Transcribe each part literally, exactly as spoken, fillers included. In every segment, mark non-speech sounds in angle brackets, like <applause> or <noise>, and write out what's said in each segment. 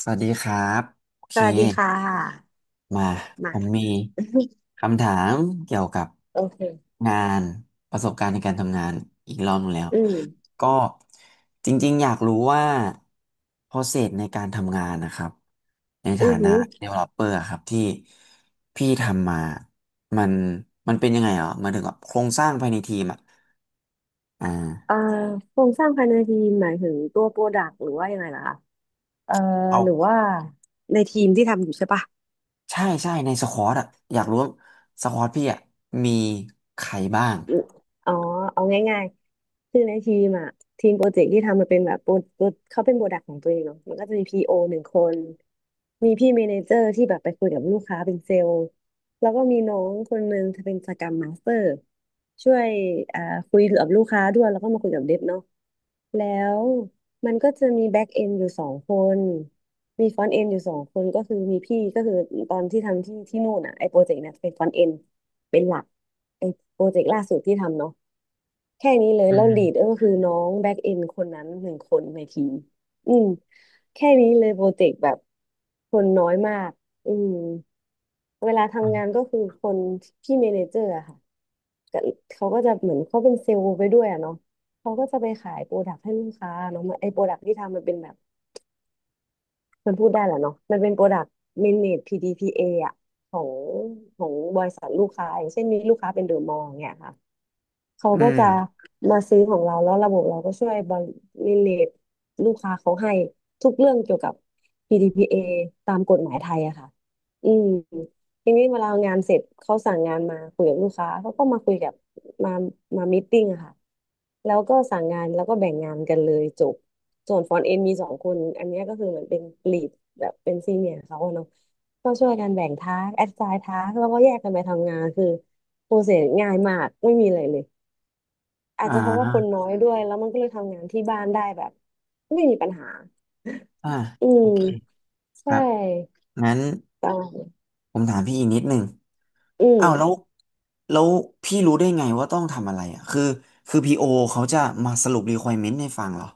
สวัสดีครับโอเคสวัสดีค่ะมาผมา <laughs> มมีคำถามเกี่ยวกับโอเคงานประสบการณ์ในการทำงานอีกรอบหนึงแล้วอืมก็จริงๆอยากรู้ว่า process ในการทำงานนะครับในอืฐาอนะ หือ developer อะครับที่พี่ทำมามันมันเป็นยังไงเหรอหมายถึงว่าโครงสร้างภายในทีมอ่ะอ่าเอ่อโครงสร้างภายในทีมหมายถึงตัวโปรดักต์หรือว่ายังไงล่ะคะเอ่อเอาหรือว่าในทีมที่ทำอยู่ใช่ปะ ใช่ใช่ในสควอตอ่ะอยากรู้ว่าสควอตพี่อ่ะมีใครบ้างอมอ๋อเอาง่ายๆคือในทีมอะทีมโปรเจกต์ที่ทำมันเป็นแบบโปรโปรเขาเป็นโปรดักต์ของตัวเองเนาะมันก็จะมีพีโอหนึ่งคนมีพี่เมเนเจอร์ที่แบบไปคุยกับลูกค้าเป็นเซลล์แล้วก็มีน้องคนนึงเธอเป็นสกร u มมาสเตอร์ช่วยอ่าคุยกับลูกค้าด้วยแล้วก็มาคุยกับเดฟเนาะแล้วมันก็จะมีแบ็กเอนอยู่สองคนมีฟรอนต์เอนอยู่สองคนก็คือมีพี่ก็คือตอนที่ทำที่ที่นู่นอ่ะไอ้โปรเจกต์เนี่ยเป็นฟรอนต์เอนเป็นหลัก ไอ้โปรเจกต์ล่าสุดที่ทำเนาะแค่นี้เลยอืแล้วลีม ดก็คือน้องแบ็กเอนคนนั้นหนึ่งคนในทีมอืมแค่นี้เลยโปรเจกต์แบบคนน้อยมากอืมเวลาทำงานก็คือคนพี่เมเนเจอร์อะค่ะก็เขาก็จะเหมือนเขาเป็นเซลล์ไปด้วยอะเนาะเขาก็จะไปขายโปรดักต์ให้ลูกค้าเนาะมันไอ้โปรดักต์ที่ทำมันเป็นแบบมันพูดได้แหละเนาะมันเป็นโปรดักต์เมเนจ พี ดี พี เอ ออะของของบริษัทลูกค้าอย่างเช่นมีลูกค้าเป็นเดอะมอลล์เนี่ยค่ะ เขาอืก็มจะมาซื้อของเราแล้วระบบเราก็ช่วยบริเลตลูกค้าเขาให้ทุกเรื่องเกี่ยวกับ พี ดี พี เอ ตามกฎหมายไทยอะค่ะอืมทีนี้เวลางานเสร็จเขาสั่งงานมาคุยกับลูกค้าเขาก็มาคุยกับมามามีตติ้งอะค่ะแล้วก็สั่งงานแล้วก็แบ่งงานกันเลยจบส่วนฟรอนต์เอ็นมีสองคนอันเนี้ยก็คือเหมือนเป็นลีดแบบเป็นซีเนียร์เขาอะเนาะก็ช่วยกันแบ่งทาสแอสไซน์ทาสแล้วก็แยกกันไปทำงานคือโปรเซสง่ายมากไม่มีอะไรเลย อาอ่จจะเพราะว่าคนน้าอยด้วยแล้วมันก็เลยทำงานที่บ้านได้แบบไม่มีปัญหา อ่าอืโอมเคคใช่รับงั้นประมาณผมถามพี่อีกนิดหนึ่งอืมอ้าวแล้วแล้วพี่รู้ได้ไงว่าต้องทำอะไรอ่ะคือคือพีโอเขาจะมาสรุป requirement ให้ฟังเหรอ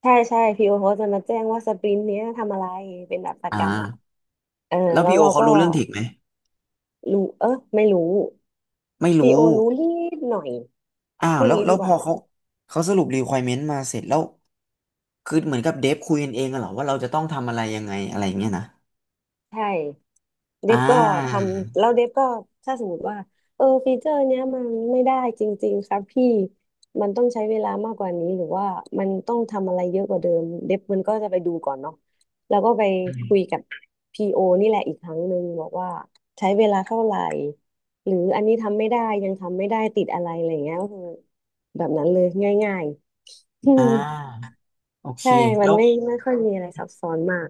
ใช่ใช่พีโอเขาจะมาแจ้งว่าสปรินต์เนี้ยทำอะไรเป็นแบบประอ่จำอ่ะ าเออแล้วแล้วพีโอเราเขาก็รู้เรื่องเทคไหมรู้เออไม่รู้ไม่พีโอรู้รู้นิดหน่อยอ้าวพูดแล้วงี้แล้ดีวกพว่าอเขาเขาสรุป requirement มาเสร็จแล้วคือเหมือนกับเดฟคุยกันเองกันเหรอว่าเราจะต้องทำอะไรยังไงอะไรอย่างเงี้ยนะใช่ เดอ่ฟก็ทาำแล้วเดฟก็ถ้าสมมติว่าเออฟีเจอร์เนี้ยมันไม่ได้จริงๆครับพี่มันต้องใช้เวลามากกว่านี้หรือว่ามันต้องทำอะไรเยอะกว่าเดิมเดฟมันก็จะไปดูก่อนเนาะแล้วก็ไปคุยกับพีโอนี่แหละอีกครั้งหนึ่งบอกว่าใช้เวลาเท่าไหร่หรืออันนี้ทำไม่ได้ยังทำไม่ได้ติดอะไรอะไรอย่างเงี้ยก็คือแบบนั้นเลยง่ายๆ <laughs> อือ่มาโอเคใช่มัแล้นว ไม่ไม่ค่อยมีอะไรซับซ้อนมาก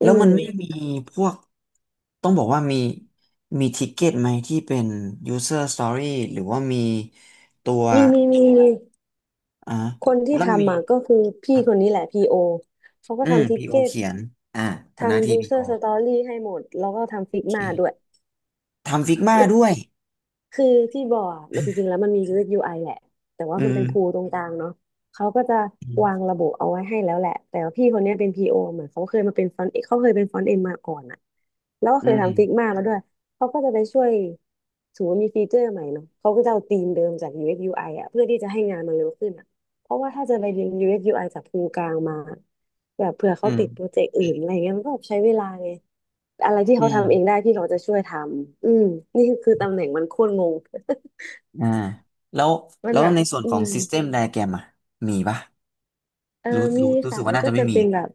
อืแล้วมมันไม่มีพวกต้องบอกว่ามีมีทิกเก็ตไหมที่เป็น user story หรือว่ามีตัวมีมีมีมี อ่าคนที่แล้วมีทำอ่ะก็คือคพี่รับคนนี้แหละพีโอเขาก็อืม ทำทิก พี โอ เก็ตเขียนอ่าเป็นหน้าทำที่ ยูเซอ พี โอ ร์สโอตอรี่ให้หมดแล้วก็ทำฟิกโอเมาด้วย คทำฟิกมาด้วยคือที่บ่ออะมันจริงๆแล้วมันมียูเลอก ยู ไอ แหละแต่ว่าอืมันมเป็นพูลตรงกลางเนาะเขาก็จะอืวางมระบบเอาไว้ให้แล้วแหละแต่ว่าพี่คนเนี้ยเป็น พี โอ เหมือนเขาเคยมาเป็นฟรอนต์เขาเคยเป็นฟรอนต์เอ็นมาก่อนอะแล้วก็อืเคยมทำฟิกมาแล้วด้วยเขาก็จะไปช่วยสมมติว่ามีฟีเจอร์ใหม่เนาะเขาก็จะเอาธีมเดิมจาก ยู เอ็กซ์ ยู ไอ อกซ์ยูไออะเพื่อที่จะให้งานมันเร็วขึ้นอะเพราะว่าถ้าจะไปเรียน ยู เอ็กซ์ ยู ไอ จากพูลกลางมาแบบเผื่ออืเขามติดโปรเจกต์อื่นอะไรเงี้ยมันก็แบบใช้เวลาไง อะไรที่อืเขาทำเองมได้พี่เขาจะช่วยทำ อืม นี่คือตำแหน่งมันโคตรงง อ่าแล้ว <laughs> มันแล้วแบบ ในส่วนอืของ ม System Diagram อ่ะมีปะเออรู้มีรู้รู้สึค่ะกว่ามันน่าก็จะไม่จะมีเป็นแบบ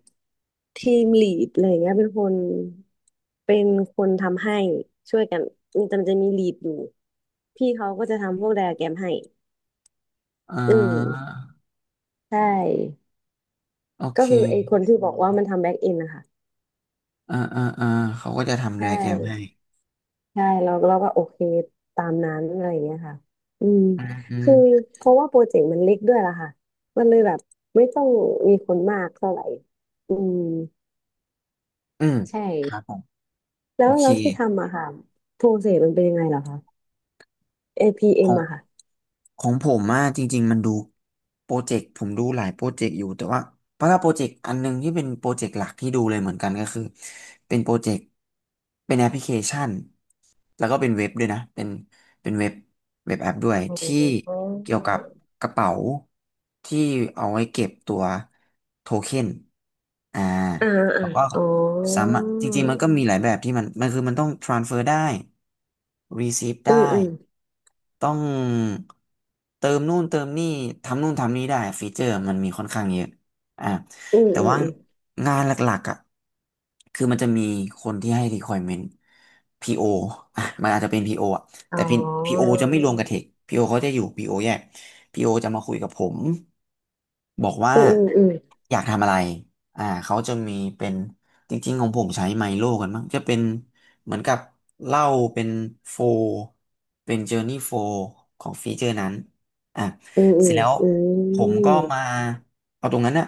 ทีมลีดอะไรอย่างเงี้ยเป็นคน เป็นคนทำให้ช่วยกัน มันจะมันจะมีลีดอยู่ พี่เขาก็จะทำพวกไดอะแกรมให้ อ่อืามใช่ โอเคก็คือไอ้คนที่บอกว่ามันทำแบ็กเอนนะคะอ่าอ่าอ่าเขาก็จะทำ ใช่ Diagram ให้ใช่เราเราก็โอเคตามนั้นอะไรอย่างเงี้ยค่ะอืมอืม คือเพราะว่าโปรเจกต์มันเล็กด้วยล่ะค่ะ มันเลยแบบไม่ต้องมีคนมากเท่าไหร่อืมอืมใช่ครับผมแล้โอวเคแล้วที่ทำอะค่ะโปรเซสมันเป็นยังไงเหรอคะ เอ พี เอ็ม อพีเอ็ขอมง อะค่ะของผมอะจริงๆมันดูโปรเจกต์ผมดูหลายโปรเจกต์อยู่แต่ว่าเพราะถ้าโปรเจกต์อันหนึงที่เป็นโปรเจกต์หลักที่ดูเลยเหมือนกันก็คือเป็นโปรเจกต์เป็นแอปพลิเคชันแล้วก็เป็นเว็บด้วยนะเป็นเป็นเว็บเว็บแอปด้วยที่อ๋อเกี่ยวกับกระเป๋าที่เอาไว้เก็บตัวโทเค็นอ่าอ่าแล้อ่าวก็อ๋อสามารถจริงๆมันก็มีหลายแบบที่มันมันคือมันต้อง transfer ได้ receive อืมได้ อืมต้องเติมนู่นเติมนี่ทำนู่นทำนี่ได้ฟีเจอร์มันมีค่อนข้างเยอะอ่ะอืมแต่อืมว่าอืมงานหลักๆอ่ะคือมันจะมีคนที่ให้ requirement พี โอ ออ่ะมันอาจจะเป็น PO ออ่ะอ๋แต่ พี โอ อจะไม่รวมกับเทค PO เขาจะอยู่ พี โอ แยก พี โอ จะมาคุยกับผมบอกว่าอืมอืมอืมอยากทำอะไรอ่าเขาจะมีเป็น จริงๆของผมใช้ไมโลกันมั้งจะเป็นเหมือนกับเหล้าเป็นโฟร์เป็นเจอร์นี่โฟร์ของฟีเจอร์นั้นอ่ะอืมอืเสร็จมแล้วอืผมมก็มามเอาตรงนั้นอะ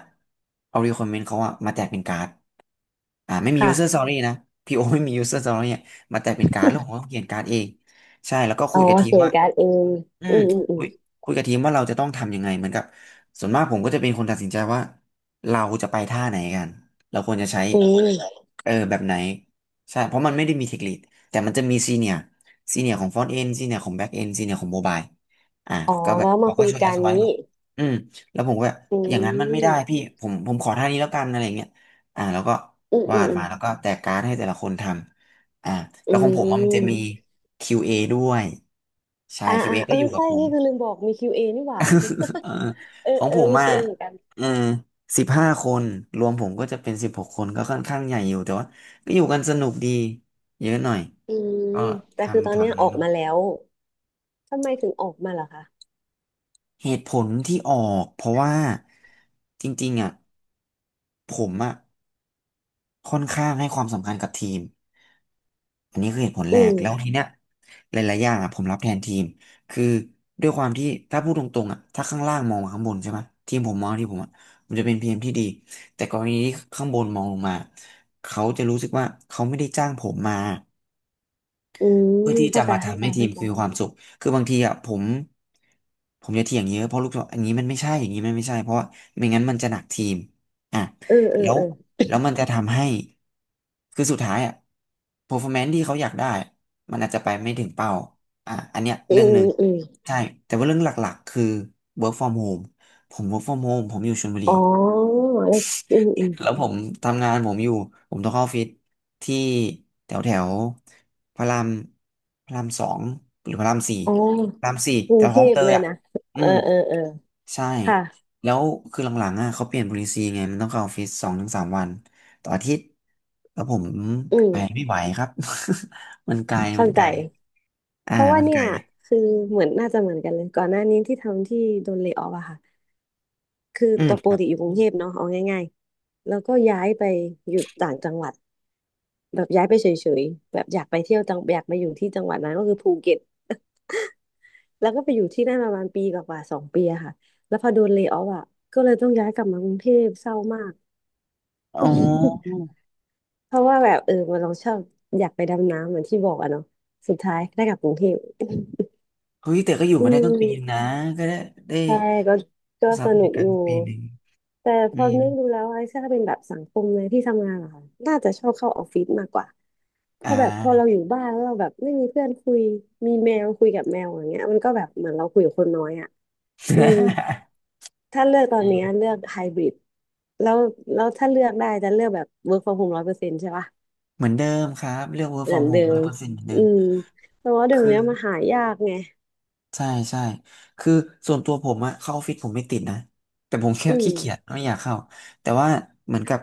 เอา requirement เขาอะมาแจกเป็นการ์ด อ่าไม่มี ค่ะ user story นะพีโอไม่มี user story เนี่ยมาแต่เป็นการ์ดแล้วผมก็เขียนการ์ดเองใช่แล้วก็อ๋คุอยกับทีมเขียว่าการดเองอือืมมอืมอืคุยมคุยกับทีมว่าเราจะต้องทำยังไงเหมือนกับส่วนมากผมก็จะเป็นคนตัดสินใจว่าเราจะไปท่าไหนกันเราควรจะใช้อืม เออแบบไหนใช่เพราะมันไม่ได้มีเทคนิคแต่มันจะมีซีเนียร์ซีเนียร์ของฟอนต์เอนซีเนียร์ของแบ็กเอนซีเนียร์ของโมบายอ่าอ๋อก็แบบแล้วมาเขาก็คุยช่วยแอกัดนไว้แบนี้บอืมแล้วผมก็แบบอือย่างนั้นมันไม่ได้มพี่ผมผมขอท่านี้แล้วกันอะไรเงี้ยอ่าแล้วก็ อืมวาอืมดอืมมาแล้วก็แจกการ์ดให้แต่ละคนทำ อ่าอืแล้วของผมว่ามันจะมี ม คิว เอ ด้วย ใช่ อ่าอ่า คิว เอ เอก็ออยู่กับใช่ผม นี่คือลืมบอกมี คิว เอ นี่หว่า <laughs> เออ <laughs> เออของเออผมมี อ่ะ คิว เอ เอเหมือนกันเออสิบห้าคนรวมผมก็จะเป็นสิบหกคนก็ค่อนข้างใหญ่อยู่แต่ว่าก็อยู่กันสนุกดีเยอะหน่อย อืมก็ทแต่คือตอำนเนี้ทำยอันอนั้อนกมาแล้วทำไมถึงออกมาเหรอคะเหตุผลที่ออกเพราะว่าจริงๆอ่ะผมอ่ะ ค่อนข้างให้ความสำคัญกับทีมอันนี้คือเหตุผลแรอืกแล้วมทีเนี้ยหลายๆอย่างอ่ะผมรับแทนทีมคือด้วยความที่ถ้าพูดตรงๆอ่ะถ้าข้างล่างมองมาข้างบนใช่ไหมทีมผมมองที่ผมอ่ะมันจะเป็นพีเอ็มที่ดีแต่กรณีที่ข้างบนมองลงมาเขาจะรู้สึกว่าเขาไม่ได้จ้างผมมา อืเพื่อมที่จะเข้าใจมาเข้าทำใจให้ทีมเข้าใจคือความสุข คือบางทีอ่ะผมผมจะเถียงเยอะเพราะลูกทีมอันนี้มันไม่ใช่อย่างนี้มันไม่ใช่เพราะว่าไม่งั้นมันจะหนักทีมอ่ะเออเออแล้วเออแล้วมันจะทำให้คือสุดท้ายอ่ะ performance ที่เขาอยากได้มันอาจจะไปไม่ถึงเป้าอ่ะอันเนี้ยอืเรื่องมหนึ่งอืมอืมใช่แต่ว่าเรื่องหลักๆคือ work from home ผม work from home ผมอยู่ชลบุรี อ๋อแล้วอืมอืมแล้วผมทำงานผมอยู่ผมต้องเข้าออฟฟิศที่แถวแถวพระรามพระรามสองหรือพระรามสี่อ๋อพระรามสี่กรุแถงวเทคลองพเตเลยยอ่ะนะอืเออมเออเออใช่ค่ะแล้วคือหลังๆอ่ะเขาเปลี่ยน policy ไงมันต้องเข้าออฟฟิศสองถึงสามวันต่ออาทิตย์แล้วผมอืไปมไม่ไหวครับ <laughs> มันไกลมัเข้านไกใจ ลอ่าเพราะว่ามันเนี่ไกลยคือเหมือนน่าจะเหมือนกันเลยก่อนหน้านี้ที่ทำที่โดนเลย์ออฟอะค่ะ คืออืมตัวปคกรับติอยู่กรุงเทพเนาะเอาง่ายๆแล้วก็ย้ายไปอยู่ต่างจังหวัดแบบย้ายไปเฉยๆแบบอยากไปเที่ยวจังอยากมาอยู่ที่จังหวัดนั้นก็คือภูเก็ตแล้วก็ไปอยู่ที่นั่นประมาณปีกว่าๆสองปีอะค่ะแล้วพอโดนเล y o อ f อะก็เลยต้องย้ายกลับมากรุงเทพเศร้ามาก อ๋อ <laughs> เพราะว่าแบบเออเราชอบอยากไปดำน้ำเหมือนที่บอกอะเนาะสุดท้ายได้กลับกรุงเทพเฮ้ยแต่ก็อยู่อืมาได้ตั้งปีนึงม นะก็ได้ได้ใช่ก็ก็ทราสบรรนุกยากาอศยู่ตั้งปีหนึ่งแต่พอือมนึกดูแล้วไอ้ถ้าเป็นแบบสังคมในที่ทำงานเหรอคะน่าจะชอบเข้าออฟฟิศมากกว่าเพอ่า ราะแบบพอเราอยู่บ้านแล้วเราแบบไม่มีเพื่อนคุยมีแมวคุยกับแมวอย่างเงี้ยมันก็แบบเหมือนเราคุยกับคนน้อยอ่ะอืม <laughs> ถ้าเลือกตอนเนี้ยเลือกไฮบริดแล้วแล้วถ้าเลือกได้จะเลือกแบบ work from home ร้อยเปอร์เซ็นต์ใช่ปะเหมือนเดิมครับเรื่อง work เหมือ from นเดิ home ร้อยมเปอร์เซ็นต์เหมือนเดิอืมมแต่ว่าเดี๋ยวคืเนี้อยมาหายากไงใช่ใช่คือส่วนตัวผมอะเข้าออฟฟิศผมไม่ติดนะแต่ผมแค่อืมขี้เกียจไม่อยากเข้าแต่ว่าเหมือนกับ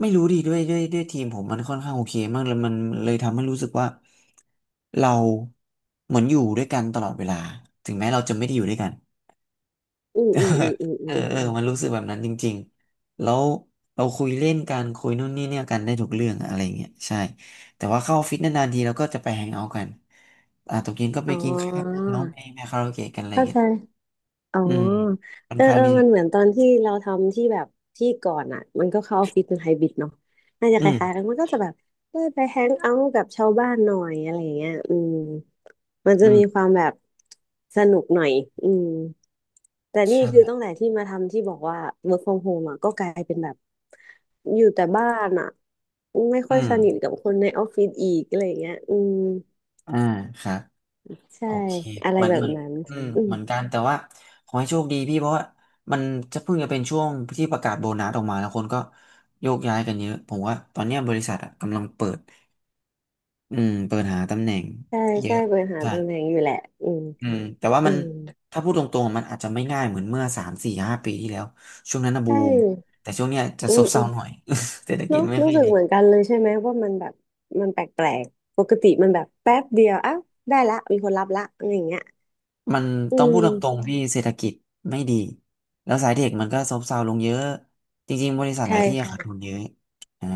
ไม่รู้ดิด้วยด้วยด้วยทีมผมมันค่อนข้างโอเคมากเลยมันเลยทำให้รู้สึกว่าเราเหมือนอยู่ด้วยกันตลอดเวลาถึงแม้เราจะไม่ได้อยู่ด้วยกัน อืมอืมอืมอืมอืเออมเออมันรู้สึกแบบนั้นจริงๆแล้วเราคุยเล่นกันคุยนู่นนี่เนี่ยกันได้ทุกเรื่องอะอะไรเงี้ยใช่ แต่ว่าเข้าออฟฟิศนานๆทีเราก็จะไปแฮงเอาท์กันอ่าตกเย็นก็ไปอ๋กินข้าวอร้องเพลงไปคาราโอเกะกันอะไรเข้าเงี้ใจ ยอ๋ออืมค่อเอนอข้างเออที่มันเหมือนตอนที่เราทำที่แบบที่ก่อนอ่ะมันก็เข้าออฟฟิศเป็นไฮบริดเนาะน่าจะอืคมล้ายๆกันมันก็จะแบบได้ไปแฮงเอาท์กับชาวบ้านหน่อยอะไรอย่างเงี้ยอืมมันจะอืมีคมวามแบบสนุกหน่อยอืมแต่นี่ใช่คือตั้งแต่ที่มาทำที่บอกว่า work from home อ่ะก็กลายเป็นแบบอยู่แต่บ้านอ่ะไม่ค่อยอืมสนิทกับคนในออฟฟิศอีกอะไรอย่างเงี้ยอืมอ่าครับใช่โอเคอะไรเหมือนแบเหบมือนนั้นอืมอืมเหมือนกันแต่ว่าขอให้โชคดีพี่เพราะว่ามันจะเพิ่งจะเป็นช่วงที่ประกาศโบนัสออกมาแล้วคนก็โยกย้ายกันเยอะผมว่าตอนเนี้ยบริษัทอะกำลังเปิด อืมเปิดหาตำแหน่งใช่เยใช่อะบริหารใช่ตำแหน่งอยู่แหละอืมอืมแต่ว่าอืมันม ถ้าพูดตรงๆมันอาจจะไม่ง่ายเหมือนเมื่อสามสี่ห้าปีที่แล้วช่วงนั้นนะบูใช่มแต่ช่วงเนี้ยจะอืซมบอืเซามหน่อย <laughs> เศรษฐเนกิจอะไม่รู้ค่อยสึกดีเหมือนกันเลยใช่ไหมว่ามันแบบมันแปลกๆปกติมันแบบแป๊บเดียวอ้าวได้ละมีคนรับละอะไรอย่างเงี้ยมันอืต้องพูดมตรงๆพี่เศรษฐกิจไม่ดีแล้วสายเทคมันก็ซบเซาลงเยอะจริงๆบริษัทหใช่ลายที่อะขาดทุใช่นเยอะอ่า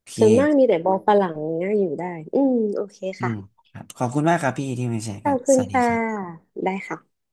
โอเคส่วนมากมีแต่บอลฝรั่งเงี้ยอยู่ได้ อืมโอเคอืค่ะมครับขอบคุณมากครับพี่ที่มาแชร์ขกัอนบคุสณวัสดีค่ะ ครับได้ค่ะ